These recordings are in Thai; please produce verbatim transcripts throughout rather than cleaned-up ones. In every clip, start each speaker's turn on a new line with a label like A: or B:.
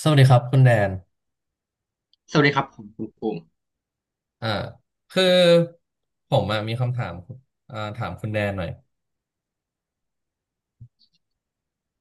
A: สวัสดีครับคุณแดน
B: สวัสดีครับผมคุณภูมิ
A: อ่าคือผมอะมีคำถามอ่าถามคุณแดนหน่อย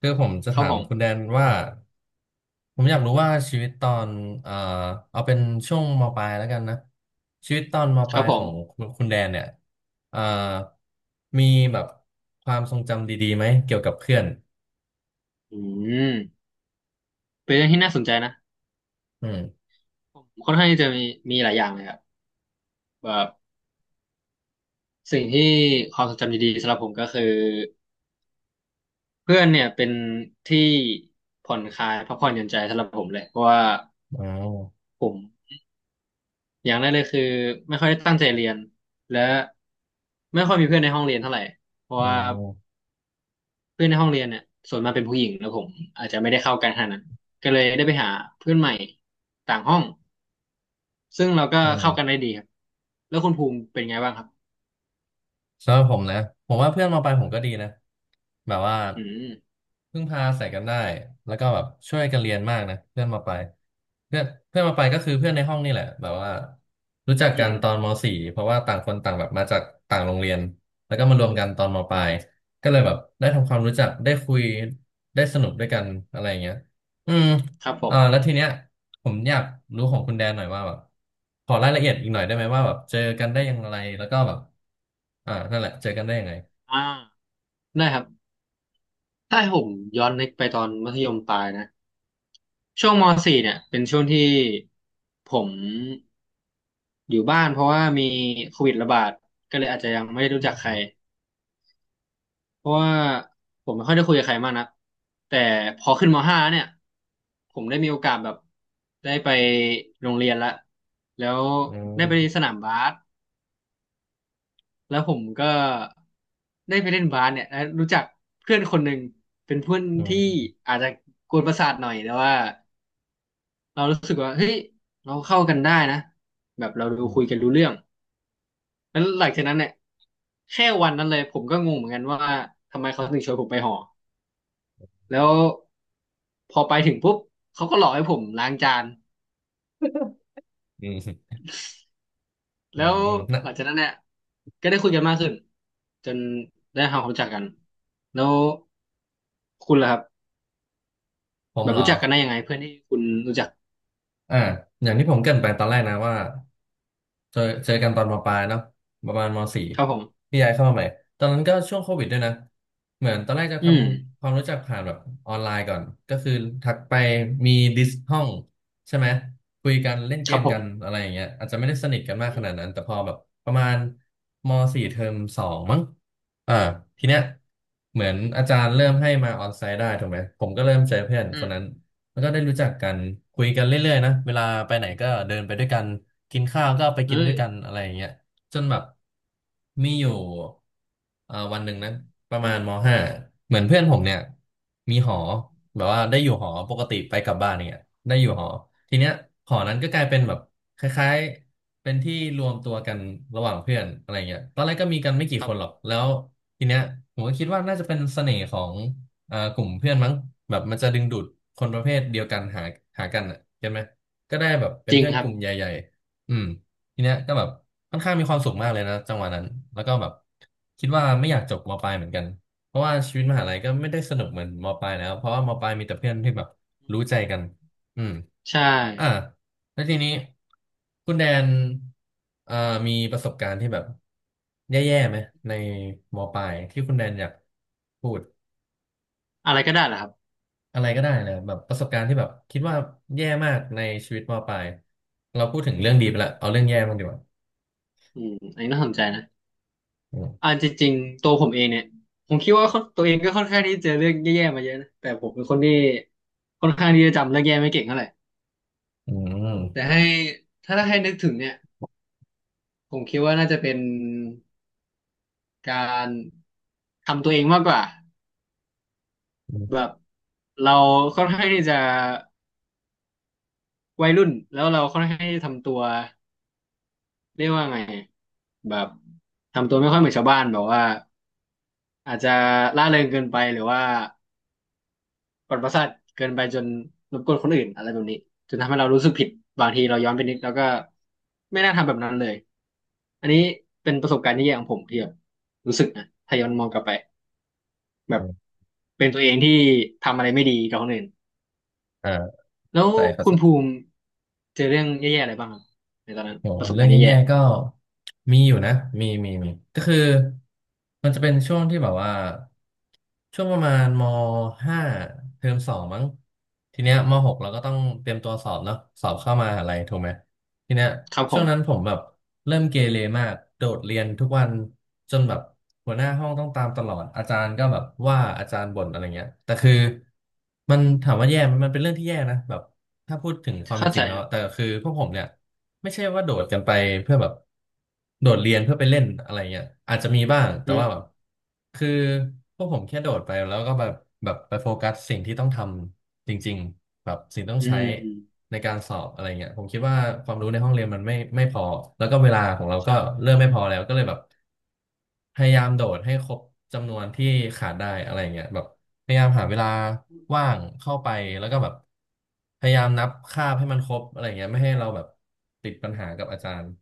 A: คือผมจะ
B: ครับ
A: ถา
B: ผ
A: ม
B: ม
A: คุณแดนว่าผมอยากรู้ว่าชีวิตตอนอ่าเอาเป็นช่วงมปลายแล้วกันนะชีวิตตอนมป
B: ครั
A: ลา
B: บ
A: ย
B: ผ
A: ขอ
B: ม
A: งคุณคุณแดนเนี่ยอ่ามีแบบความทรงจำดีๆไหมเกี่ยวกับเพื่อน
B: อืมเป็นเรื่องที่น่าสนใจนะ
A: อืม
B: ผมค่อนข้างที่จะมีมีหลายอย่างเลยครับแบบสิ่งที่ความทรงจำดีๆสำหรับผมก็คือเพื่อนเนี่ยเป็นที่ผ่อนคลายพักผ่อนหย่อนใจสำหรับผมเลยเพราะว่า
A: อ๋อ
B: ผมอย่างแรกเลยคือไม่ค่อยได้ตั้งใจเรียนและไม่ค่อยมีเพื่อนในห้องเรียนเท่าไหร่เพราะ
A: อ๋อ
B: ว่าเพื่อนในห้องเรียนเนี่ยส่วนมากเป็นผู้หญิงแล้วผมอาจจะไม่ได้เข้ากันขนาดนั้นก็เลยได้ไปหาเพื่อนใหม่ต่างห้อง ซึ่งเราก็
A: อืม
B: เข้ากันได้ดีครับ แล้วคุณภูมิเป็นไงบ้างครับ
A: สำหรับผมนะผมว่าเพื่อนมาไปลายผมก็ดีนะแบบว่า
B: อืม
A: พึ่งพาใส่กันได้แล้วก็แบบช่วยกันเรียนมากนะเพื่อนมาไปลายเพื่อนเพื่อนมาไปลายก็คือเพื่อนในห้องนี่แหละแบบว่ารู้จัก
B: อื
A: กัน
B: ม
A: ตอนมสี่เพราะว่าต่างคนต่างแบบมาจากต่างโรงเรียนแล้วก็มารวมกันตอนมปลายก็เลยแบบได้ทำความรู้จักได้คุยได้สนุกด้วยกันอะไรอย่างเงี้ยอืม
B: ครับผ
A: อ่า
B: ม
A: แล้วทีเนี้ย ผมอยากรู้ของคุณแดนหน่อยว่าแบบขอรายละเอียดอีกหน่อยได้ไหมว่าแบบเจอกันได้ยังไงแล้วก็แบบอ่านั่นแหละเจอกันได้ยังไง
B: อ่าได้ครับถ้าให้ผมย้อนนึกไปตอนมัธยมปลายนะช่วงมสี่เนี่ยเป็นช่วงที่ผมอยู่บ้านเพราะว่ามีโควิดระบาดก็เลยอาจจะยังไม่ได้
A: อ
B: รู้จักใคร
A: ืม
B: เพราะว่าผมไม่ค่อยได้คุยกับใครมากนะแต่พอขึ้นม .ห้า เนี่ยผมได้มีโอกาสแบบได้ไปโรงเรียนละแล้ว
A: อื
B: ได้ไปส
A: ม
B: นามบาส แล้วผมก็ได้ไปเล่นบาสเนี่ยแล้วรู้จักเพื่อนคนหนึ่งเป็นเพื่อน
A: อ
B: ที่
A: ื
B: อาจจะกวนประสาทหน่อยแต่ว่าเรารู้สึกว่าเฮ้ยเราเข้ากันได้นะแบบเราดูคุย
A: ม
B: กันรู้เรื่องแล้วหลังจากนั้นเนี่ยแค่วันนั้นเลยผมก็งงเหมือนกันว่าทำไมเขาถึงชวนผมไปหอแล้วพอไปถึงปุ๊บเขาก็หลอกให้ผมล้างจาน
A: อืมอื
B: แล้
A: ม
B: ว
A: อืมนะ
B: หลังจากนั้นเนี่ยก็ได้คุยกันมากขึ้นจนได้ทำความรู้จักกันแล้วคุณล่ะครับ
A: ผม
B: แบบ
A: เหรอ
B: รู้จักกันได้ยังไงเพื่อนที่คุณรู้จัก
A: อ่าอย่างที่ผมเกริ่นไปตอนแรกนะว่าเจอเจอกันตอนมปลายเนาะประมาณมสี่
B: ครับผม
A: พี่ย้ายเข้ามาใหม่ตอนนั้นก็ช่วงโควิดด้วยนะเหมือนตอนแรกจะ
B: อื
A: ท
B: ม
A: ำความรู้จักผ่านแบบออนไลน์ก่อนก็คือทักไป
B: อื
A: มี
B: ม
A: ดิสห้องใช่ไหมคุยกันเล่นเก
B: ครั
A: ม
B: บผ
A: กัน
B: ม
A: อะไรอย่างเงี้ยอาจจะไม่ได้สนิทกันมากข
B: อื
A: นาดนั้น
B: ม
A: แต่พอแบบประมาณมสี่เทอมสองมั้งอ่าทีเนี้ยเหมือนอาจารย์เริ่มให้มาออนไซต์ได้ถูกไหมผมก็เริ่มเจอเพื่อนค
B: อื
A: น
B: ม
A: นั้น แล้วก็ได้รู้จักกันคุยกันเรื่อยๆนะเวลาไปไหนก็เดินไปด้วยกันกินข้าวก็ไปกิน
B: เอ้
A: ด้ว
B: ย
A: ยกันอะไรอย่างเงี้ยจนแบบมีอยู่เอ่อวันหนึ่งนะประมาณมห้าเหมือนเพื่อนผมเนี่ยมีหอแบบว่าได้อยู่หอปกติไปกลับบ้านเนี่ยได้อยู่หอทีเนี้ยหอนั้นก็กลายเป็นแบบคล้ายๆเป็นที่รวมตัวกันระหว่างเพื่อนอะไรเงี้ยตอนแรกก็มีกันไม่กี่
B: ครั
A: ค
B: บ
A: น
B: ผ
A: หร
B: ม
A: อกแล้วทีเนี้ยผมก็คิดว่าน่าจะเป็นเสน่ห์ของ เอ่อกลุ่มเพื่อนมั้งแบบมันจะดึงดูดคนประเภทเดียวกันหาหากันอ่ะเห็นไหมก็ได้แบบเป็
B: จ
A: น
B: ริง
A: เพื่อน
B: ค
A: ก
B: รับ
A: ลุ่มใหญ่ๆอืมทีเนี้ยก็แบบค่อนข้างมีความสุขมากเลยนะจังหวะนั้นแล้วก็แบบคิดว่าไม่อยากจบมปลายเหมือนกันเพราะว่าชีวิตมหาลัยก็ไม่ได้สนุกเหมือนมปลายแล้วเพราะว่ามปลายมีแต่เพื่อนที่แบบ
B: อื
A: รู้
B: ม
A: ใจกันอืม
B: ใช่
A: อ่าแล้วทีนี้คุณแดนเอ่อมีประสบการณ์ที่แบบแย่ๆไหมในมปลายที่คุณแดนอยากพูด
B: อะไรก็ได้เหรอครับ
A: อะไรก็ได้เลยแบบประสบการณ์ที่แบบคิดว่าแย่มากในชีวิตมปลายเราพูดถึงเรื่องดีไปละเอาเรื่องแย่บ้างดีกว่า
B: อืมอันนี้น่าสนใจนะ
A: อื
B: อ่า
A: ม
B: จริงๆตัวผมเองเนี่ยผมคิดว่าตัวเองก็ค่อนข้างที่จะเจอเรื่องแย่ๆมาเยอะนะแต่ผมเป็นคนที่ค่อนข้างที่จะจำเรื่องแย่ไม่เก่งเท่าไหร่
A: อื
B: แต่
A: ม
B: ให้ถ้าให้นึกถึงเนี่ยผมคิดว่าน่าจะเป็นการทำตัวเองมากกว่า
A: อื
B: แบ
A: ม
B: บเราค่อนข้างที่จะ วัยรุ่นแล้วเราค่อนข้างที่จะทำตัวเรียกว่าไงแบบทำตัวไม่ค่อยเหมือนชาวบ้านแบบว่าอาจจะล่าเริงเกินไปหรือว่าปนประสาทเกินไปจนรบกวนคนอื่นอะไรแบบนี้จนทำให้เรารู้สึกผิดบางทีเราย้อนไปนิดแล้วก็ไม่น่าทำแบบนั้นเลยอันนี้เป็นประสบการณ์ที่แย่ของผมที่แบบรู้สึกนะถ้าย้อนมองกลับไปแบบเป็นตัวเองที่ทำอะไรไม่ดีกับคนอื่น
A: อ่า
B: แล้
A: เข้า
B: ว
A: ใจเข้า
B: คุ
A: ใจ
B: ณภูมิเจอเรื่องแย่ๆอะไรบ้างครับในตอนนั้น
A: โห
B: ประสบ
A: เรื่อ
B: การ
A: ง
B: ณ์แย่
A: แย่ๆก็มีอยู่นะมีมีมีก็คือมันจะเป็นช่วงที่แบบว่าช่วงประมาณมห้าเทอมสองมั้งทีเนี้ยมหกเราก็ต้องเตรียมตัวสอบเนาะสอบเข้ามหาอะไรถูกไหมทีเนี้ย
B: ๆครับผ
A: ช่วง
B: ม
A: นั้นผมแบบเริ่มเกเรมากโดดเรียนทุกวันจนแบบหัวหน้าห้องต้องตามตลอดอาจารย์ก็แบบว่าอาจารย์บ่นอะไรเงี้ยแต่คือมันถามว่าแย่ไหมมันเป็นเรื่องที่แย่นะแบบ ถ้าพูดถึงความเป็
B: เข้า
A: นจริ
B: ใจ
A: งแล้
B: ค
A: ว
B: รั
A: แต่
B: บ
A: คือพวกผมเนี่ยไม่ใช่ว่าโดดกันไปเพื่อแบบโดดเรียนเพื่อไปเล่นอะไรเงี้ยอาจจะมีบ้างแต่
B: อืม
A: ว่าแบบคือพวกผมแค่โดดไปแล้วก็แบบแบบไปโฟกัสสิ่งที่ต้องทำจริงๆแบบสิ่งต้อง
B: อื
A: ใช้
B: ม
A: ในการสอบอะไรเงี้ยผมคิดว่าความรู้ในห้องเรียนมันไม่ไม่พอแล้วก็เวลาของเราก็
B: ใช่
A: เริ่มไม่พอแล้วก็เลยแบบ พยายามโดดให้ครบจำนวนที่ขาดได้อะไรเงี้ยแบบพยายามหาเวลาว่างเข้าไปแล้วก็แบบพยายามนับคาบให้มันครบอะไรเงี้ยไม่ให้เราแบบติดปัญหากับอาจารย์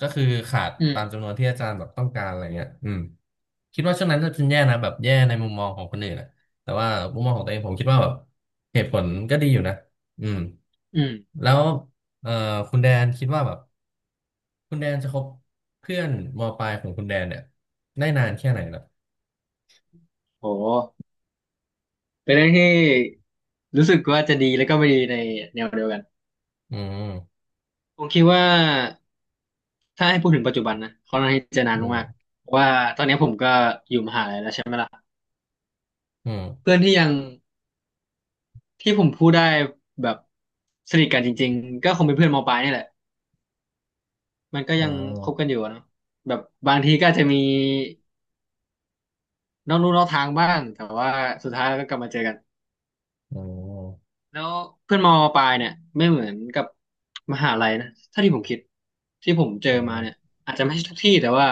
A: ก็คือขาด
B: อืม
A: ตามจำนวนที่อาจารย์แบบต้องการอะไรเงี้ยอืมคิดว่าช่วงนั้นก็เป็นแย่นะแบบแย่ในมุมมองของคนอื่นนะแต่ว่ามุมมองของตัวเองผมคิดว่าแบบเหตุผลก็ดีอยู่นะอืม
B: อืม
A: แล้วเอ่อคุณแดนคิดว่าแบบ คุณแดนจะคบเพื่อนมปลายของคุณแดนเนี่ยได้นานแค่ไหนล่ะ
B: โหเป็นเรื่องที่รู้สึกว่าจะดีแล้วก็ไม่ดีในแนวเดียวกัน
A: อืม
B: ผมคิดว่าถ้าให้พูดถึงปัจจุบันนะค่อนข้างที่จะนา
A: อื
B: นมาก
A: ม
B: ๆเพราะว่าตอนนี้ผมก็อยู่มหาลัยแล้วใช่ไหมล่ะ
A: อืม
B: เพื่อนที่ยังที่ผมพูดได้แบบสนิทกันจริงๆก็คงเป็นเพื่อนมปลายนี่แหละมันก็
A: อ
B: ยัง
A: มอ
B: คบกันอยู่อะเนาะแบบบางทีก็อาจจะมีนอกลู่นอกทางบ้างแต่ว่าสุดท้ายแล้วก็กลับมาเจอกัน
A: อ๋อ
B: แล้วเพื่อนมอปลายเนี่ยไม่เหมือนกับมหาลัยนะถ้าที่ผมคิดที่ผมเจอ
A: อ๋อ
B: มา
A: ม
B: เนี่ยอาจจะไม่ใช่ทุกที่แต่ว่า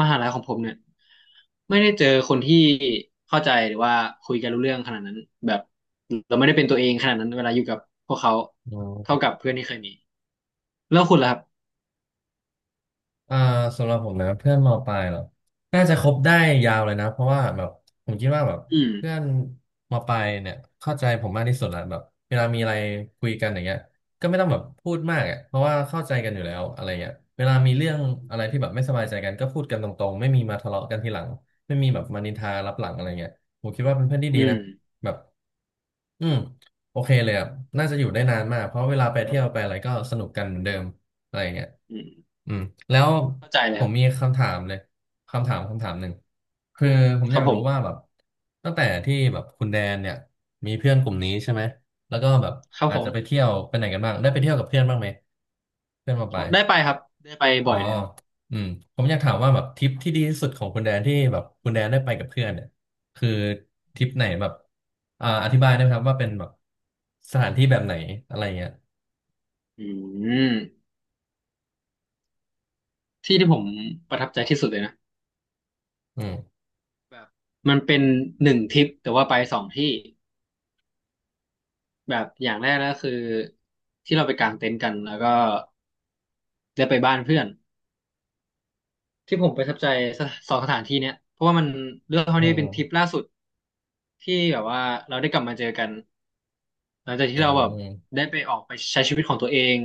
B: มหาลัยของผมเนี่ยไม่ได้เจอคนที่เข้าใจหรือว่าคุยกันรู้เรื่องขนาดนั้นแบบเราไม่ได้เป็นตัวเองขนาดนั้นเวลาอยู่กับพวกเขา
A: อื
B: เท่า
A: ม
B: กับเพื่อนที่เคยมีแล้วคุณล่ะครับ
A: อ่าสำหรับผมนะเพื่อนมปลายเหรอน่าจะคบได้ยาวเลยนะเพราะว่าแบบผมคิดว่าแบบ
B: อืม
A: เพื่อนมปลายเนี่ยเข้าใจผมมากที่สุดละแบบเวลามีอะไรคุยกันอย่างเงี้ยก็ไม่ต้องแบบพูดมากอ่ะเพราะว่าเข้าใจกันอยู่แล้วอะไรเงี้ยเวลามีเรื่องอะไรที่แบบไม่สบายใจกันก็พูดกันตรงๆไม่มีมาทะเลาะกันทีหลังไม่มีแบบมานินทารับหลังอะไรเงี้ยผมคิดว่าเป็นเพื่อนที่
B: อื
A: ดี
B: ม
A: นะแบบอืมโอเคเลยอ่ะน่าจะอยู่ได้นานมากเพราะเวลาไปเที่ยวไปอะไรก็สนุกกันเหมือนเดิม อะไรอย่างเงี้ย
B: อืม
A: อืมแล้ว
B: เข้าใจเล
A: ผ
B: ยค
A: ม
B: รับ
A: มีคำถามเลยคำถามคำถามหนึ่งคือผม
B: ค
A: อ
B: รับ
A: ยาก
B: ผ
A: รู้ว่า
B: ม
A: แบบตั้งแต่ที่แบบคุณแดนเนี่ยมีเพื่อนกลุ่มนี้ใช่ไหมแล้วก็แบบ
B: ครับ
A: อา
B: ผ
A: จจะไป
B: ม
A: เที่ยวไปไหนกันบ้างได้ไปเที่ยวกับเพื่อนบ้างไหมเพื่อนมาไป
B: โอ้ได้ไปครับได้ไป
A: อ๋อ
B: บ่อยแล้ว
A: อืมผมอยากถามว่าแบบทริปที่ดีที่สุดของคุณแดนที่แบบคุณแดนได้ไปกับเพื่อนเนี่ยคือทริปไหนแบบอ่าอธิบายได้ไหมครับว่าเป็นแบบสถานที่แบบไหนอะไรเงี้ย
B: อืมที่ที่ผมประทับใจที่สุดเลยนะ
A: อืม
B: แบบมันเป็นหนึ่งทริปแต่ว่าไปสองที่แบบอย่างแรกก็คือที่เราไปกางเต็นท์กันแล้วก็ได้ไปบ้านเพื่อนที่ผมประทับใจสถสองสถานที่เนี้ยเพราะว่ามันเรื่องเท่า
A: อื
B: นี้
A: ม
B: เป็นทริปล่าสุดที่แบบว่าเราได้กลับมาเจอกัน หลังจากที่
A: อื
B: เราแบบ
A: ม
B: ได้ไปออกไปใช้ชีวิตของตัวเอง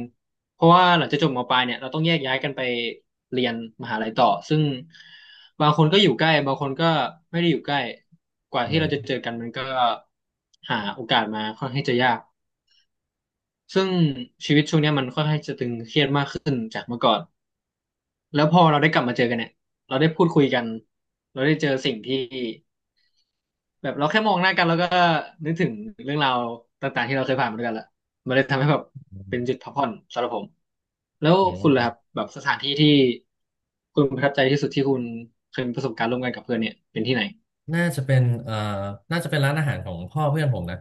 B: เพราะว่าหลังจากจบมปลายเนี่ยเราต้องแยกย้ายกันไปเรียนมหาลัยต่อซึ่งบางคนก็อยู่ใกล้บางคนก็ไม่ได้อยู่ใกล้กว่า
A: อื
B: ที่
A: ม
B: เราจะเจอกันมันก็หาโอกาสมาค่อนข้างจะยากซึ่งชีวิตช่วงเนี้ยมันค่อนข้างจะตึงเครียดมากขึ้นจากเมื่อก่อนแล้วพอเราได้กลับมาเจอกันเนี่ยเราได้พูดคุยกันเราได้เจอสิ่งที่ แบบเราแค่มองหน้ากันแล้วก็นึกถึงเรื่องราวต่างๆที่เราเคยผ่านมาด้วยกันละมันเลยทำให้แบบเป็นจุดพักผ่อนสำหรับผมแล้ว
A: อื
B: คุณล่ะ
A: ม
B: ครับแบบสถานที่ที่คุณประทับใจที่สุดที่คุณเคยมีประสบการณ์ร่วมกันกับเพื่อนเนี่ยเป็นที่ไหน
A: น่าจะเป็นเอ่อน่าจะเป็นร้านอาหารของพ่อเพื่อนผมนะ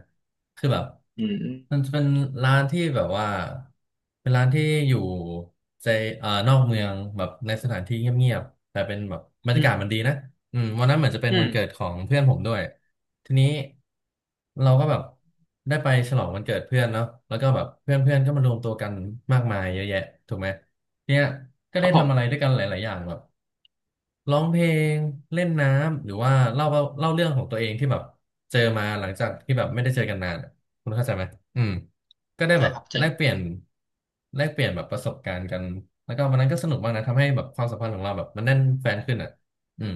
A: คือแบบ
B: อืม
A: มันจะเป็นร้านที่แบบว่าเป็นร้านที่อยู่ใจเอ่อนอกเมืองแบบในสถานที่เงียบๆแต่เป็นแบบบรร
B: อื
A: ยากา
B: ม
A: ศมันดีนะอืมวันนั้นเหมือนจะเป็น
B: อื
A: วัน
B: ม
A: เกิดของเพื่อนผมด้วยทีนี้เราก็แบบได้ไปฉลองวันเกิดเพื่อนเนาะแล้วก็แบบเพื่อนๆก็มารวมตัวกันมากมายเยอะแยะถูกไหม เนี่ยก็
B: ค
A: ได้
B: รับผ
A: ทำอะไรด้ว
B: ม
A: ยกันหลายๆอย่างแบบร้องเพลงเล่นน้ำหรือว่าเล่าว่าเล่าเรื่องของตัวเองที่แบบเจอมาหลังจากที่แบบไม่ได้เจอกันนานอะคุณเข้าใจไหมอืมก็ได้
B: เข้าใจ
A: แบบ
B: ครับเข้าใจ
A: แลกเปลี่ยนแลกเปลี่ยนแบบประสบการณ์กันแล้วก็วันนั้นก็สนุกมากนะทำให้แบบความสัมพันธ์ของเราแบบมันแน่นแฟนขึ้นอ่ะอืม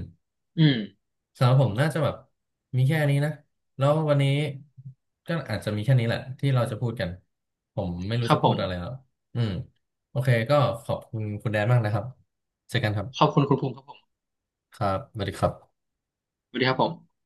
B: อืม
A: สำหรับผมน่าจะแบบมีแค่นี้นะแล้ววันนี้ก็อาจจะมีแค่นี้แหละที่เราจะพูดกันผมไม่รู้
B: ครั
A: จะ
B: บผ
A: พูด
B: ม
A: อะไรแล้วอืมโอเคก็ขอบคุณคุณแดนมากนะครับเจอกันครับ
B: ขอบคุณคุณภูมิครับผม
A: ครับสวัสดีครับ
B: สวัสดีครับผม